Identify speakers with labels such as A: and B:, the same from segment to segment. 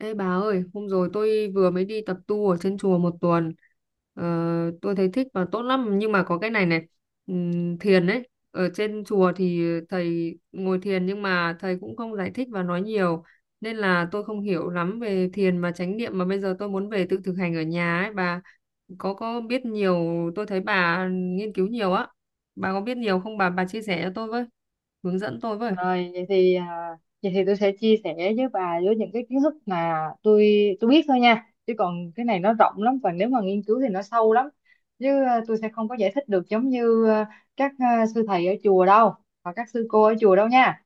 A: Ê bà ơi, hôm rồi tôi vừa mới đi tập tu ở trên chùa một tuần. Ờ, tôi thấy thích và tốt lắm, nhưng mà có cái này này, thiền ấy. Ở trên chùa thì thầy ngồi thiền nhưng mà thầy cũng không giải thích và nói nhiều, nên là tôi không hiểu lắm về thiền và chánh niệm, mà bây giờ tôi muốn về tự thực hành ở nhà ấy. Bà có biết nhiều, tôi thấy bà nghiên cứu nhiều á. Bà có biết nhiều không bà chia sẻ cho tôi với, hướng dẫn tôi với.
B: Rồi vậy thì vậy thì tôi sẽ chia sẻ với bà với những cái kiến thức mà tôi tôi biết thôi nha. Chứ còn cái này nó rộng lắm, và nếu mà nghiên cứu thì nó sâu lắm. Chứ tôi sẽ không có giải thích được giống như sư thầy ở chùa đâu và các sư cô ở chùa đâu nha.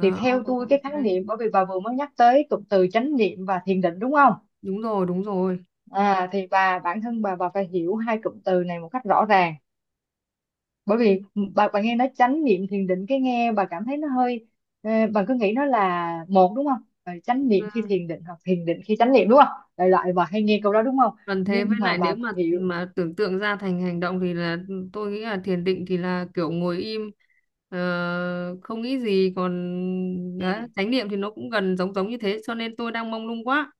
B: Thì theo
A: ok,
B: tôi cái khái
A: ok.
B: niệm, bởi vì bà vừa mới nhắc tới cụm từ chánh niệm và thiền định, đúng không?
A: Đúng rồi, đúng rồi.
B: Thì bà, bản thân bà phải hiểu hai cụm từ này một cách rõ ràng, bởi vì bà nghe nó chánh niệm thiền định, cái nghe bà cảm thấy nó hơi bà cứ nghĩ nó là một, đúng không? Ờ, chánh niệm khi thiền định hoặc thiền định khi chánh niệm, đúng không, đại loại bà hay nghe câu đó, đúng không?
A: Còn thế, với
B: Nhưng mà
A: lại
B: bà
A: nếu
B: phải
A: mà
B: hiểu.
A: mà tưởng tượng ra thành hành động thì là tôi nghĩ là thiền định thì là kiểu ngồi im, ờ, không nghĩ gì, còn
B: Ừ.
A: đấy, chánh niệm thì nó cũng gần giống giống như thế, cho nên tôi đang mông lung quá.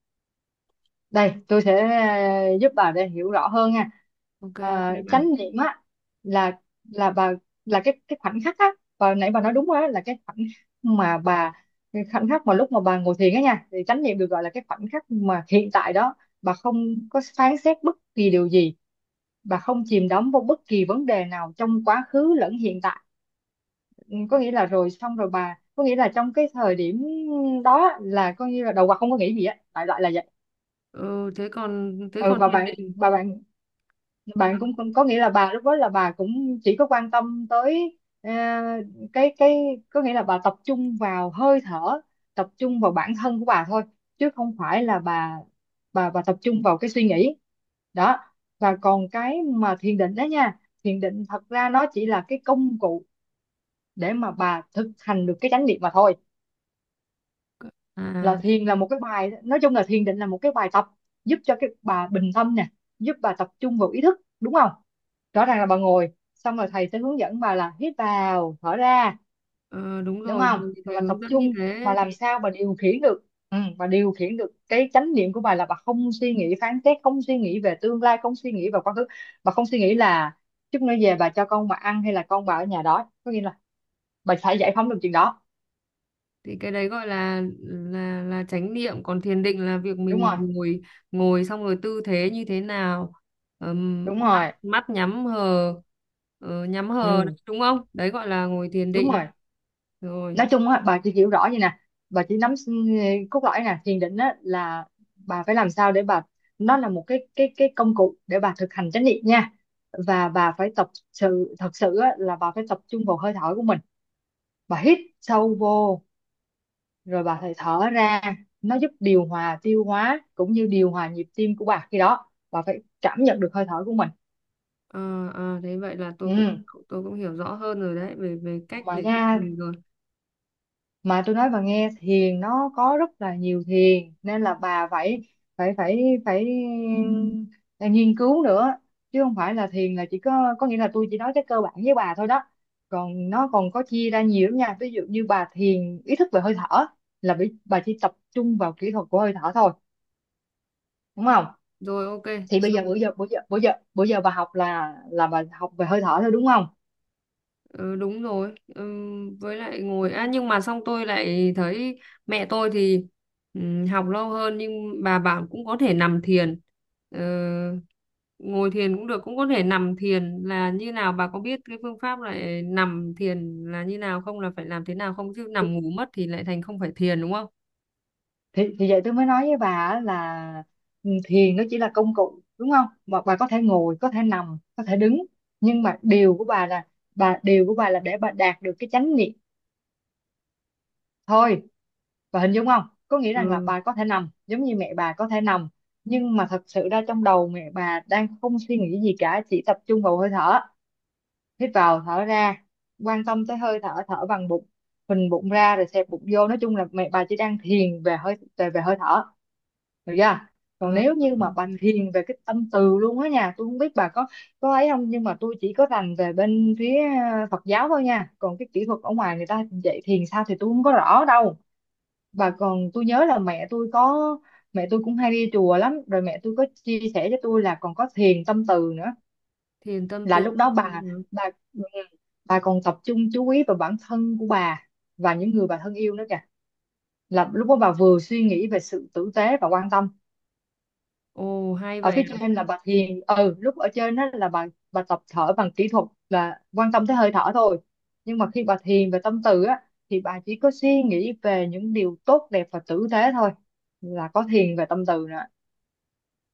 B: Đây tôi sẽ giúp bà để hiểu rõ hơn nha.
A: Ok ok
B: Chánh
A: bạn.
B: niệm á, là là bà là cái khoảnh khắc á, và nãy bà nói đúng rồi á, là cái khoảnh khắc mà cái khoảnh khắc mà lúc mà bà ngồi thiền á nha, thì chánh niệm được gọi là cái khoảnh khắc mà hiện tại đó bà không có phán xét bất kỳ điều gì, bà không chìm đắm vào bất kỳ vấn đề nào trong quá khứ lẫn hiện tại. Ừ, có nghĩa là rồi xong rồi bà có nghĩa là trong cái thời điểm đó là coi như là đầu óc không có nghĩ gì á, đại loại là vậy.
A: Ừ, thế còn thế
B: Ừ,
A: còn thiền định.
B: và bạn bạn cũng cũng có nghĩa là bà lúc đó là bà cũng chỉ có quan tâm tới ờ, cái có nghĩa là bà tập trung vào hơi thở, tập trung vào bản thân của bà thôi, chứ không phải là bà tập trung vào cái suy nghĩ đó. Và còn cái mà thiền định đó nha, thiền định thật ra nó chỉ là cái công cụ để mà bà thực hành được cái chánh niệm mà thôi. Là
A: À,
B: thiền là một cái bài, nói chung là thiền định là một cái bài tập giúp cho cái bà bình tâm nè, giúp bà tập trung vào ý thức, đúng không? Rõ ràng là bà ngồi xong rồi thầy sẽ hướng dẫn bà là hít vào thở ra,
A: ờ, đúng
B: đúng
A: rồi
B: không,
A: thầy,
B: và
A: thầy
B: bà tập
A: hướng dẫn như
B: trung, mà
A: thế.
B: làm sao bà điều khiển được. Ừ, bà điều khiển được cái chánh niệm của bà là bà không suy nghĩ phán xét, không suy nghĩ về tương lai, không suy nghĩ về quá khứ, bà không suy nghĩ là chút nữa về bà cho con bà ăn hay là con bà ở nhà đó, có nghĩa là bà phải giải phóng được chuyện đó.
A: Thì cái đấy gọi là chánh niệm, còn thiền định là việc
B: Đúng
A: mình
B: rồi,
A: ngồi, ngồi xong rồi tư thế như thế nào,
B: đúng
A: mắt
B: rồi,
A: mắt nhắm hờ, nhắm hờ đấy,
B: ừ,
A: đúng không, đấy gọi là ngồi thiền
B: đúng
A: định.
B: rồi.
A: Rồi.
B: Nói chung á, bà chỉ hiểu rõ vậy nè, bà chỉ nắm cốt lõi nè. Thiền định á là bà phải làm sao để bà, nó là một cái cái công cụ để bà thực hành chánh niệm nha. Và bà phải tập sự thật sự á, là bà phải tập trung vào hơi thở của mình, bà hít sâu vô rồi bà phải thở ra, nó giúp điều hòa tiêu hóa cũng như điều hòa nhịp tim của bà, khi đó bà phải cảm nhận được hơi thở của mình.
A: À, à, thế vậy là tôi cũng
B: Ừ.
A: tôi cũng hiểu rõ hơn rồi đấy về về cách
B: Mà
A: để
B: nha,
A: mình. Rồi,
B: mà tôi nói bà nghe, thiền nó có rất là nhiều thiền, nên là bà phải phải phải phải ừ, nghiên cứu nữa, chứ không phải là thiền là chỉ có nghĩa là tôi chỉ nói cái cơ bản với bà thôi đó. Còn nó còn có chia ra nhiều lắm nha, ví dụ như bà thiền ý thức về hơi thở là bà chỉ tập trung vào kỹ thuật của hơi thở thôi, đúng không?
A: rồi, ok.
B: Thì
A: Thế.
B: bây giờ bữa giờ bà học là bà học về hơi thở thôi, đúng không?
A: Ừ, đúng rồi, với lại ngồi, nhưng mà xong tôi lại thấy mẹ tôi thì học lâu hơn nhưng bà bảo cũng có thể nằm thiền. Ờ, ngồi thiền cũng được, cũng có thể nằm thiền là như nào, bà có biết cái phương pháp lại nằm thiền là như nào không, là phải làm thế nào không, chứ nằm ngủ mất thì lại thành không phải thiền, đúng không?
B: Thì vậy tôi mới nói với bà á là ừ, thiền nó chỉ là công cụ, đúng không, mà bà có thể ngồi, có thể nằm, có thể đứng, nhưng mà điều của bà là điều của bà là để bà đạt được cái chánh niệm thôi. Bà hình dung không, có nghĩa rằng là
A: Ừ.
B: bà có thể nằm, giống như mẹ bà có thể nằm, nhưng mà thật sự ra trong đầu mẹ bà đang không suy nghĩ gì cả, chỉ tập trung vào hơi thở, hít vào thở ra, quan tâm tới hơi thở, thở bằng bụng, phình bụng ra rồi xẹp bụng vô, nói chung là mẹ bà chỉ đang thiền về về hơi thở. Được chưa? Còn
A: à,
B: nếu như mà
A: ok.
B: bà thiền về cái tâm từ luôn á nha, tôi không biết bà có ấy không, nhưng mà tôi chỉ có rành về bên phía Phật giáo thôi nha. Còn cái kỹ thuật ở ngoài người ta dạy thiền sao thì tôi không có rõ đâu. Bà còn Tôi nhớ là mẹ tôi có, mẹ tôi cũng hay đi chùa lắm, rồi mẹ tôi có chia sẻ cho tôi là còn có thiền tâm từ nữa.
A: Thiền tâm
B: Là
A: tư.
B: lúc đó
A: Ừ.
B: bà ừ, bà còn tập trung chú ý vào bản thân của bà và những người bà thân yêu nữa kìa. Là lúc đó bà vừa suy nghĩ về sự tử tế và quan tâm
A: Ồ hay
B: ở
A: vậy
B: phía
A: à,
B: trên, là bà thiền ừ lúc ở trên đó là bà tập thở bằng kỹ thuật là quan tâm tới hơi thở thôi, nhưng mà khi bà thiền về tâm từ á, thì bà chỉ có suy nghĩ về những điều tốt đẹp và tử tế thôi, là có thiền về tâm từ nữa.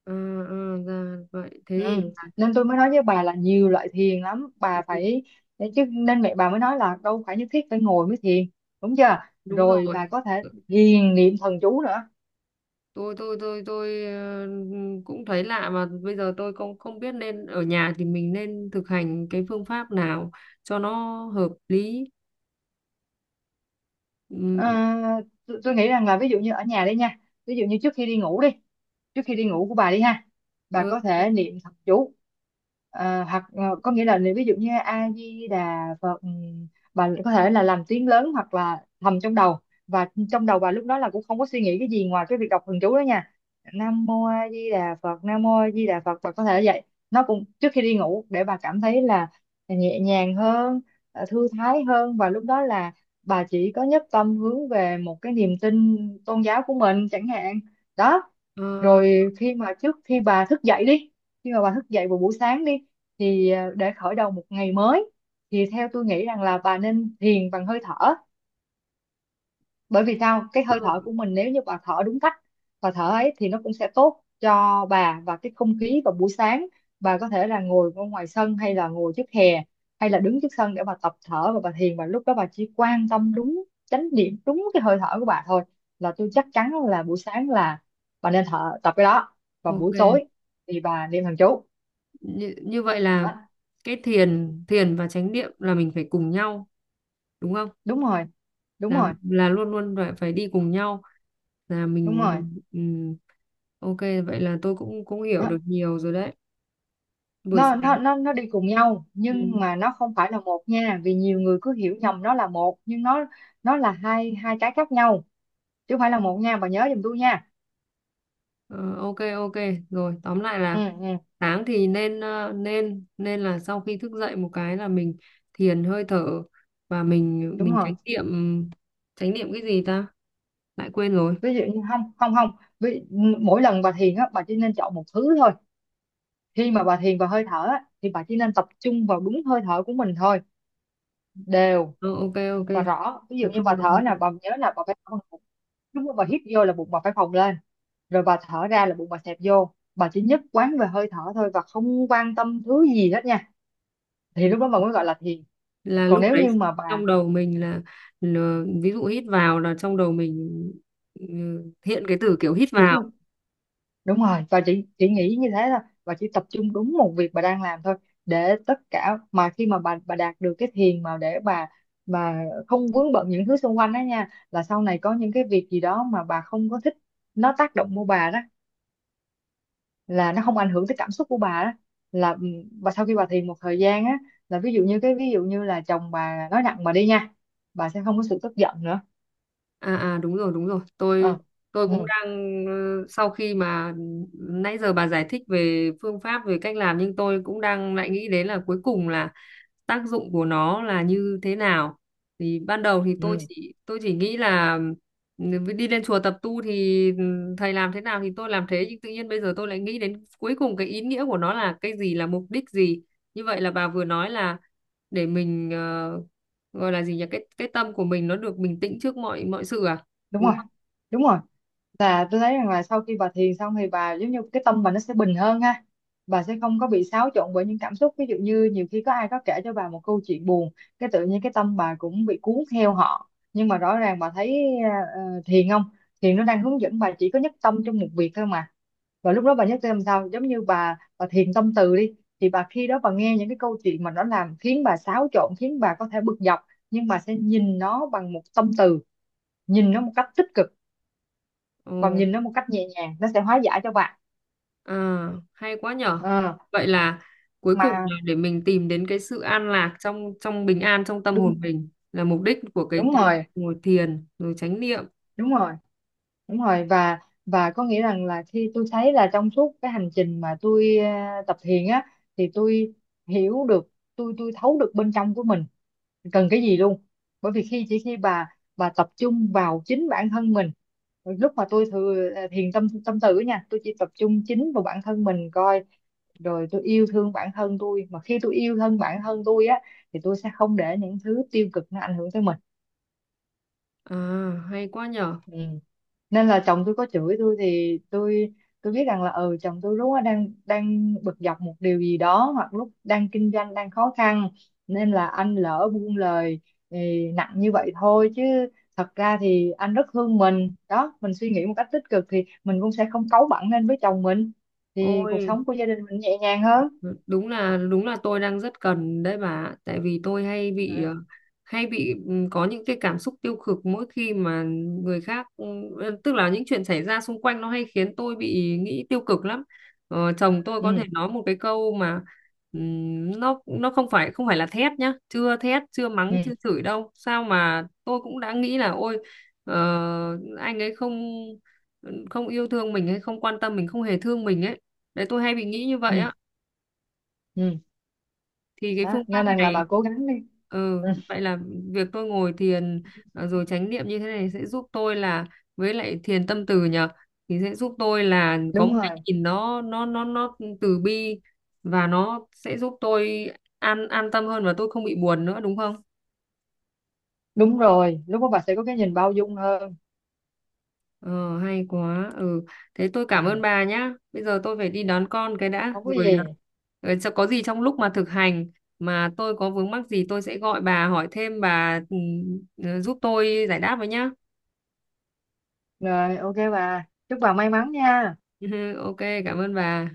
A: à, à ra vậy. Thế thì
B: Ừ. Nên tôi mới nói với bà là nhiều loại thiền lắm, bà phải, chứ nên mẹ bà mới nói là đâu phải nhất thiết phải ngồi mới thiền, đúng chưa?
A: đúng
B: Rồi
A: rồi.
B: bà có thể thiền niệm thần chú nữa.
A: Tôi cũng thấy lạ, mà bây giờ tôi không không biết nên ở nhà thì mình nên thực hành cái phương pháp nào cho nó hợp lý. Ừm,
B: À, tôi nghĩ rằng là ví dụ như ở nhà đi nha, ví dụ như trước khi đi ngủ đi, trước khi đi ngủ của bà đi ha, bà
A: ờ,
B: có thể niệm thập chú, hoặc có nghĩa là niệm ví dụ như A Di Đà Phật, bà có thể là làm tiếng lớn hoặc là thầm trong đầu, và trong đầu bà lúc đó là cũng không có suy nghĩ cái gì ngoài cái việc đọc thần chú đó nha. Nam mô A Di Đà Phật, Nam mô A Di Đà Phật, bà có thể vậy. Nó cũng trước khi đi ngủ để bà cảm thấy là nhẹ nhàng hơn, thư thái hơn, và lúc đó là bà chỉ có nhất tâm hướng về một cái niềm tin tôn giáo của mình chẳng hạn, đó.
A: ờ,
B: Rồi khi mà trước khi bà thức dậy đi, khi mà bà thức dậy vào buổi sáng đi, thì để khởi đầu một ngày mới, thì theo tôi nghĩ rằng là bà nên thiền bằng hơi thở, bởi vì sao, cái hơi
A: ờ,
B: thở của mình nếu như bà thở đúng cách và thở ấy thì nó cũng sẽ tốt cho bà, và cái không khí vào buổi sáng bà có thể là ngồi ở ngoài sân hay là ngồi trước hè hay là đứng trước sân để bà tập thở và bà thiền, và lúc đó bà chỉ quan tâm đúng chánh niệm, đúng cái hơi thở của bà thôi. Là tôi chắc chắn là buổi sáng là bà nên thở tập cái đó, và
A: ok
B: buổi tối thì bà niệm thần chú
A: Như vậy là
B: đó.
A: cái thiền thiền và chánh niệm là mình phải cùng nhau, đúng không,
B: Đúng rồi, đúng
A: là
B: rồi,
A: là luôn luôn phải phải đi cùng nhau, là mình.
B: đúng rồi,
A: Ừm, ok, vậy là tôi cũng cũng hiểu
B: đó.
A: được nhiều rồi đấy. Buổi
B: nó
A: sáng.
B: nó nó nó đi cùng nhau,
A: Ừ.
B: nhưng mà nó không phải là một nha, vì nhiều người cứ hiểu nhầm nó là một, nhưng nó là hai hai cái khác nhau, chứ không phải là một nha, bà nhớ giùm tôi nha.
A: Ờ, ok ok, rồi, tóm lại là
B: Ừ
A: sáng thì nên ờ, nên nên là sau khi thức dậy một cái là mình thiền hơi thở, và mình
B: đúng
A: mình chánh
B: rồi.
A: niệm. Chánh niệm cái gì ta, lại quên rồi.
B: Ví dụ như không không không ví, mỗi lần bà thiền á bà chỉ nên chọn một thứ thôi. Khi mà bà thiền vào hơi thở á, thì bà chỉ nên tập trung vào đúng hơi thở của mình thôi, đều
A: Ờ, ok ok,
B: và rõ. Ví dụ
A: tập
B: như bà
A: trung vào
B: thở
A: hơi
B: là
A: thở.
B: bà nhớ là bà phải, đúng rồi, bà hít vô là bụng bà phải phồng lên, rồi bà thở ra là bụng bà xẹp vô, bà chỉ nhất quán về hơi thở thôi và không quan tâm thứ gì hết nha, thì
A: Ừ,
B: lúc đó bà mới gọi là thiền.
A: là
B: Còn
A: lúc
B: nếu
A: đấy
B: như mà bà
A: trong đầu mình là, ví dụ hít vào là trong đầu mình ừ, hiện cái từ kiểu hít
B: chỉ
A: vào.
B: có, đúng rồi, bà chỉ nghĩ như thế thôi, bà chỉ tập trung đúng một việc bà đang làm thôi, để tất cả mà khi mà bà đạt được cái thiền mà để bà không vướng bận những thứ xung quanh đó nha, là sau này có những cái việc gì đó mà bà không có thích, nó tác động vô bà đó, là nó không ảnh hưởng tới cảm xúc của bà đó. Là ừ, bà sau khi bà thiền một thời gian á, là ví dụ như là chồng bà nói nặng bà đi nha, bà sẽ không có sự tức giận nữa.
A: À, đúng rồi, đúng rồi. tôi
B: Ờ,
A: tôi cũng
B: ừ,
A: đang, sau khi mà nãy giờ bà giải thích về phương pháp, về cách làm, nhưng tôi cũng đang lại nghĩ đến là cuối cùng là tác dụng của nó là như thế nào. Thì ban đầu thì tôi
B: ừ,
A: chỉ tôi chỉ nghĩ là ừ, đi lên chùa tập tu thì thầy làm thế nào thì tôi làm thế, nhưng tự nhiên bây giờ tôi lại nghĩ đến cuối cùng cái ý nghĩa của nó là cái gì, là mục đích gì. Như vậy là bà vừa nói là để mình, gọi là gì nhỉ, cái tâm của mình nó được bình tĩnh trước mọi mọi sự à,
B: đúng
A: đúng
B: rồi,
A: không?
B: đúng rồi. Là tôi thấy rằng là sau khi bà thiền xong thì bà giống như cái tâm bà nó sẽ bình hơn ha, bà sẽ không có bị xáo trộn bởi những cảm xúc. Ví dụ như nhiều khi có ai có kể cho bà một câu chuyện buồn, cái tự nhiên cái tâm bà cũng bị cuốn theo họ, nhưng mà rõ ràng bà thấy thiền không, thiền nó đang hướng dẫn bà chỉ có nhất tâm trong một việc thôi mà. Và lúc đó bà nhắc xem sao, giống như bà thiền tâm từ đi, thì khi đó bà nghe những cái câu chuyện mà nó làm khiến bà xáo trộn, khiến bà có thể bực dọc, nhưng bà sẽ nhìn nó bằng một tâm từ, nhìn nó một cách tích cực và
A: Ồ,
B: nhìn nó một cách nhẹ nhàng, nó sẽ hóa giải cho bạn.
A: à hay quá nhở.
B: Ờ,
A: Vậy là cuối cùng
B: mà
A: là để mình tìm đến cái sự an lạc, trong trong bình an trong tâm hồn
B: đúng
A: mình là mục đích của cái,
B: đúng
A: cái
B: rồi,
A: ngồi thiền rồi chánh niệm.
B: đúng rồi, đúng rồi. Và có nghĩa rằng là khi tôi thấy là trong suốt cái hành trình mà tôi tập thiền á, thì tôi hiểu được, tôi thấu được bên trong của mình cần cái gì luôn. Bởi vì khi chỉ khi bà tập trung vào chính bản thân mình, lúc mà tôi thừa thiền tâm tâm tử nha, tôi chỉ tập trung chính vào bản thân mình coi, rồi tôi yêu thương bản thân tôi, mà khi tôi yêu thương bản thân tôi á thì tôi sẽ không để những thứ tiêu cực nó ảnh hưởng tới mình.
A: À hay quá nhở.
B: Ừ. Nên là chồng tôi có chửi tôi thì tôi biết rằng là ừ chồng tôi lúc đó đang đang bực dọc một điều gì đó, hoặc lúc đang kinh doanh đang khó khăn, nên là anh lỡ buông lời thì nặng như vậy thôi, chứ thật ra thì anh rất thương mình đó, mình suy nghĩ một cách tích cực thì mình cũng sẽ không cáu bẳn lên với chồng mình, thì cuộc sống
A: Ôi
B: của gia đình mình nhẹ nhàng hơn.
A: đúng là tôi đang rất cần đấy bà. Tại vì tôi hay bị,
B: ừ
A: hay bị, có những cái cảm xúc tiêu cực mỗi khi mà người khác, tức là những chuyện xảy ra xung quanh nó hay khiến tôi bị nghĩ tiêu cực lắm. Chồng tôi có thể
B: ừ
A: nói một cái câu mà, nó không phải là thét nhá, chưa thét, chưa mắng,
B: ừ
A: chưa chửi đâu, sao mà tôi cũng đã nghĩ là ôi, ờ, anh ấy không không yêu thương mình, hay không quan tâm mình, không hề thương mình ấy. Đấy tôi hay bị nghĩ như vậy
B: ừ
A: á.
B: ừ.
A: Thì cái
B: Đó
A: phương pháp
B: nên rằng là
A: này,
B: bà cố gắng đi.
A: ừ,
B: ừ,
A: vậy là việc tôi ngồi thiền, rồi chánh niệm như thế này sẽ giúp tôi là, với lại thiền tâm từ nhờ, thì sẽ giúp tôi là có
B: Đúng
A: một cái
B: rồi,
A: nhìn nó từ bi, và nó sẽ giúp tôi an tâm hơn và tôi không bị buồn nữa, đúng không?
B: đúng rồi, lúc đó bà sẽ có cái nhìn bao dung hơn.
A: Ờ, hay quá. Ừ, thế tôi
B: Ừ.
A: cảm ơn bà nhá. Bây giờ tôi phải đi đón con cái đã.
B: Không có
A: Rồi,
B: gì.
A: rồi, có gì trong lúc mà thực hành mà tôi có vướng mắc gì tôi sẽ gọi bà hỏi thêm, bà giúp tôi giải đáp với nhá.
B: Rồi ok, bà chúc bà may mắn nha.
A: Ok, cảm ơn bà.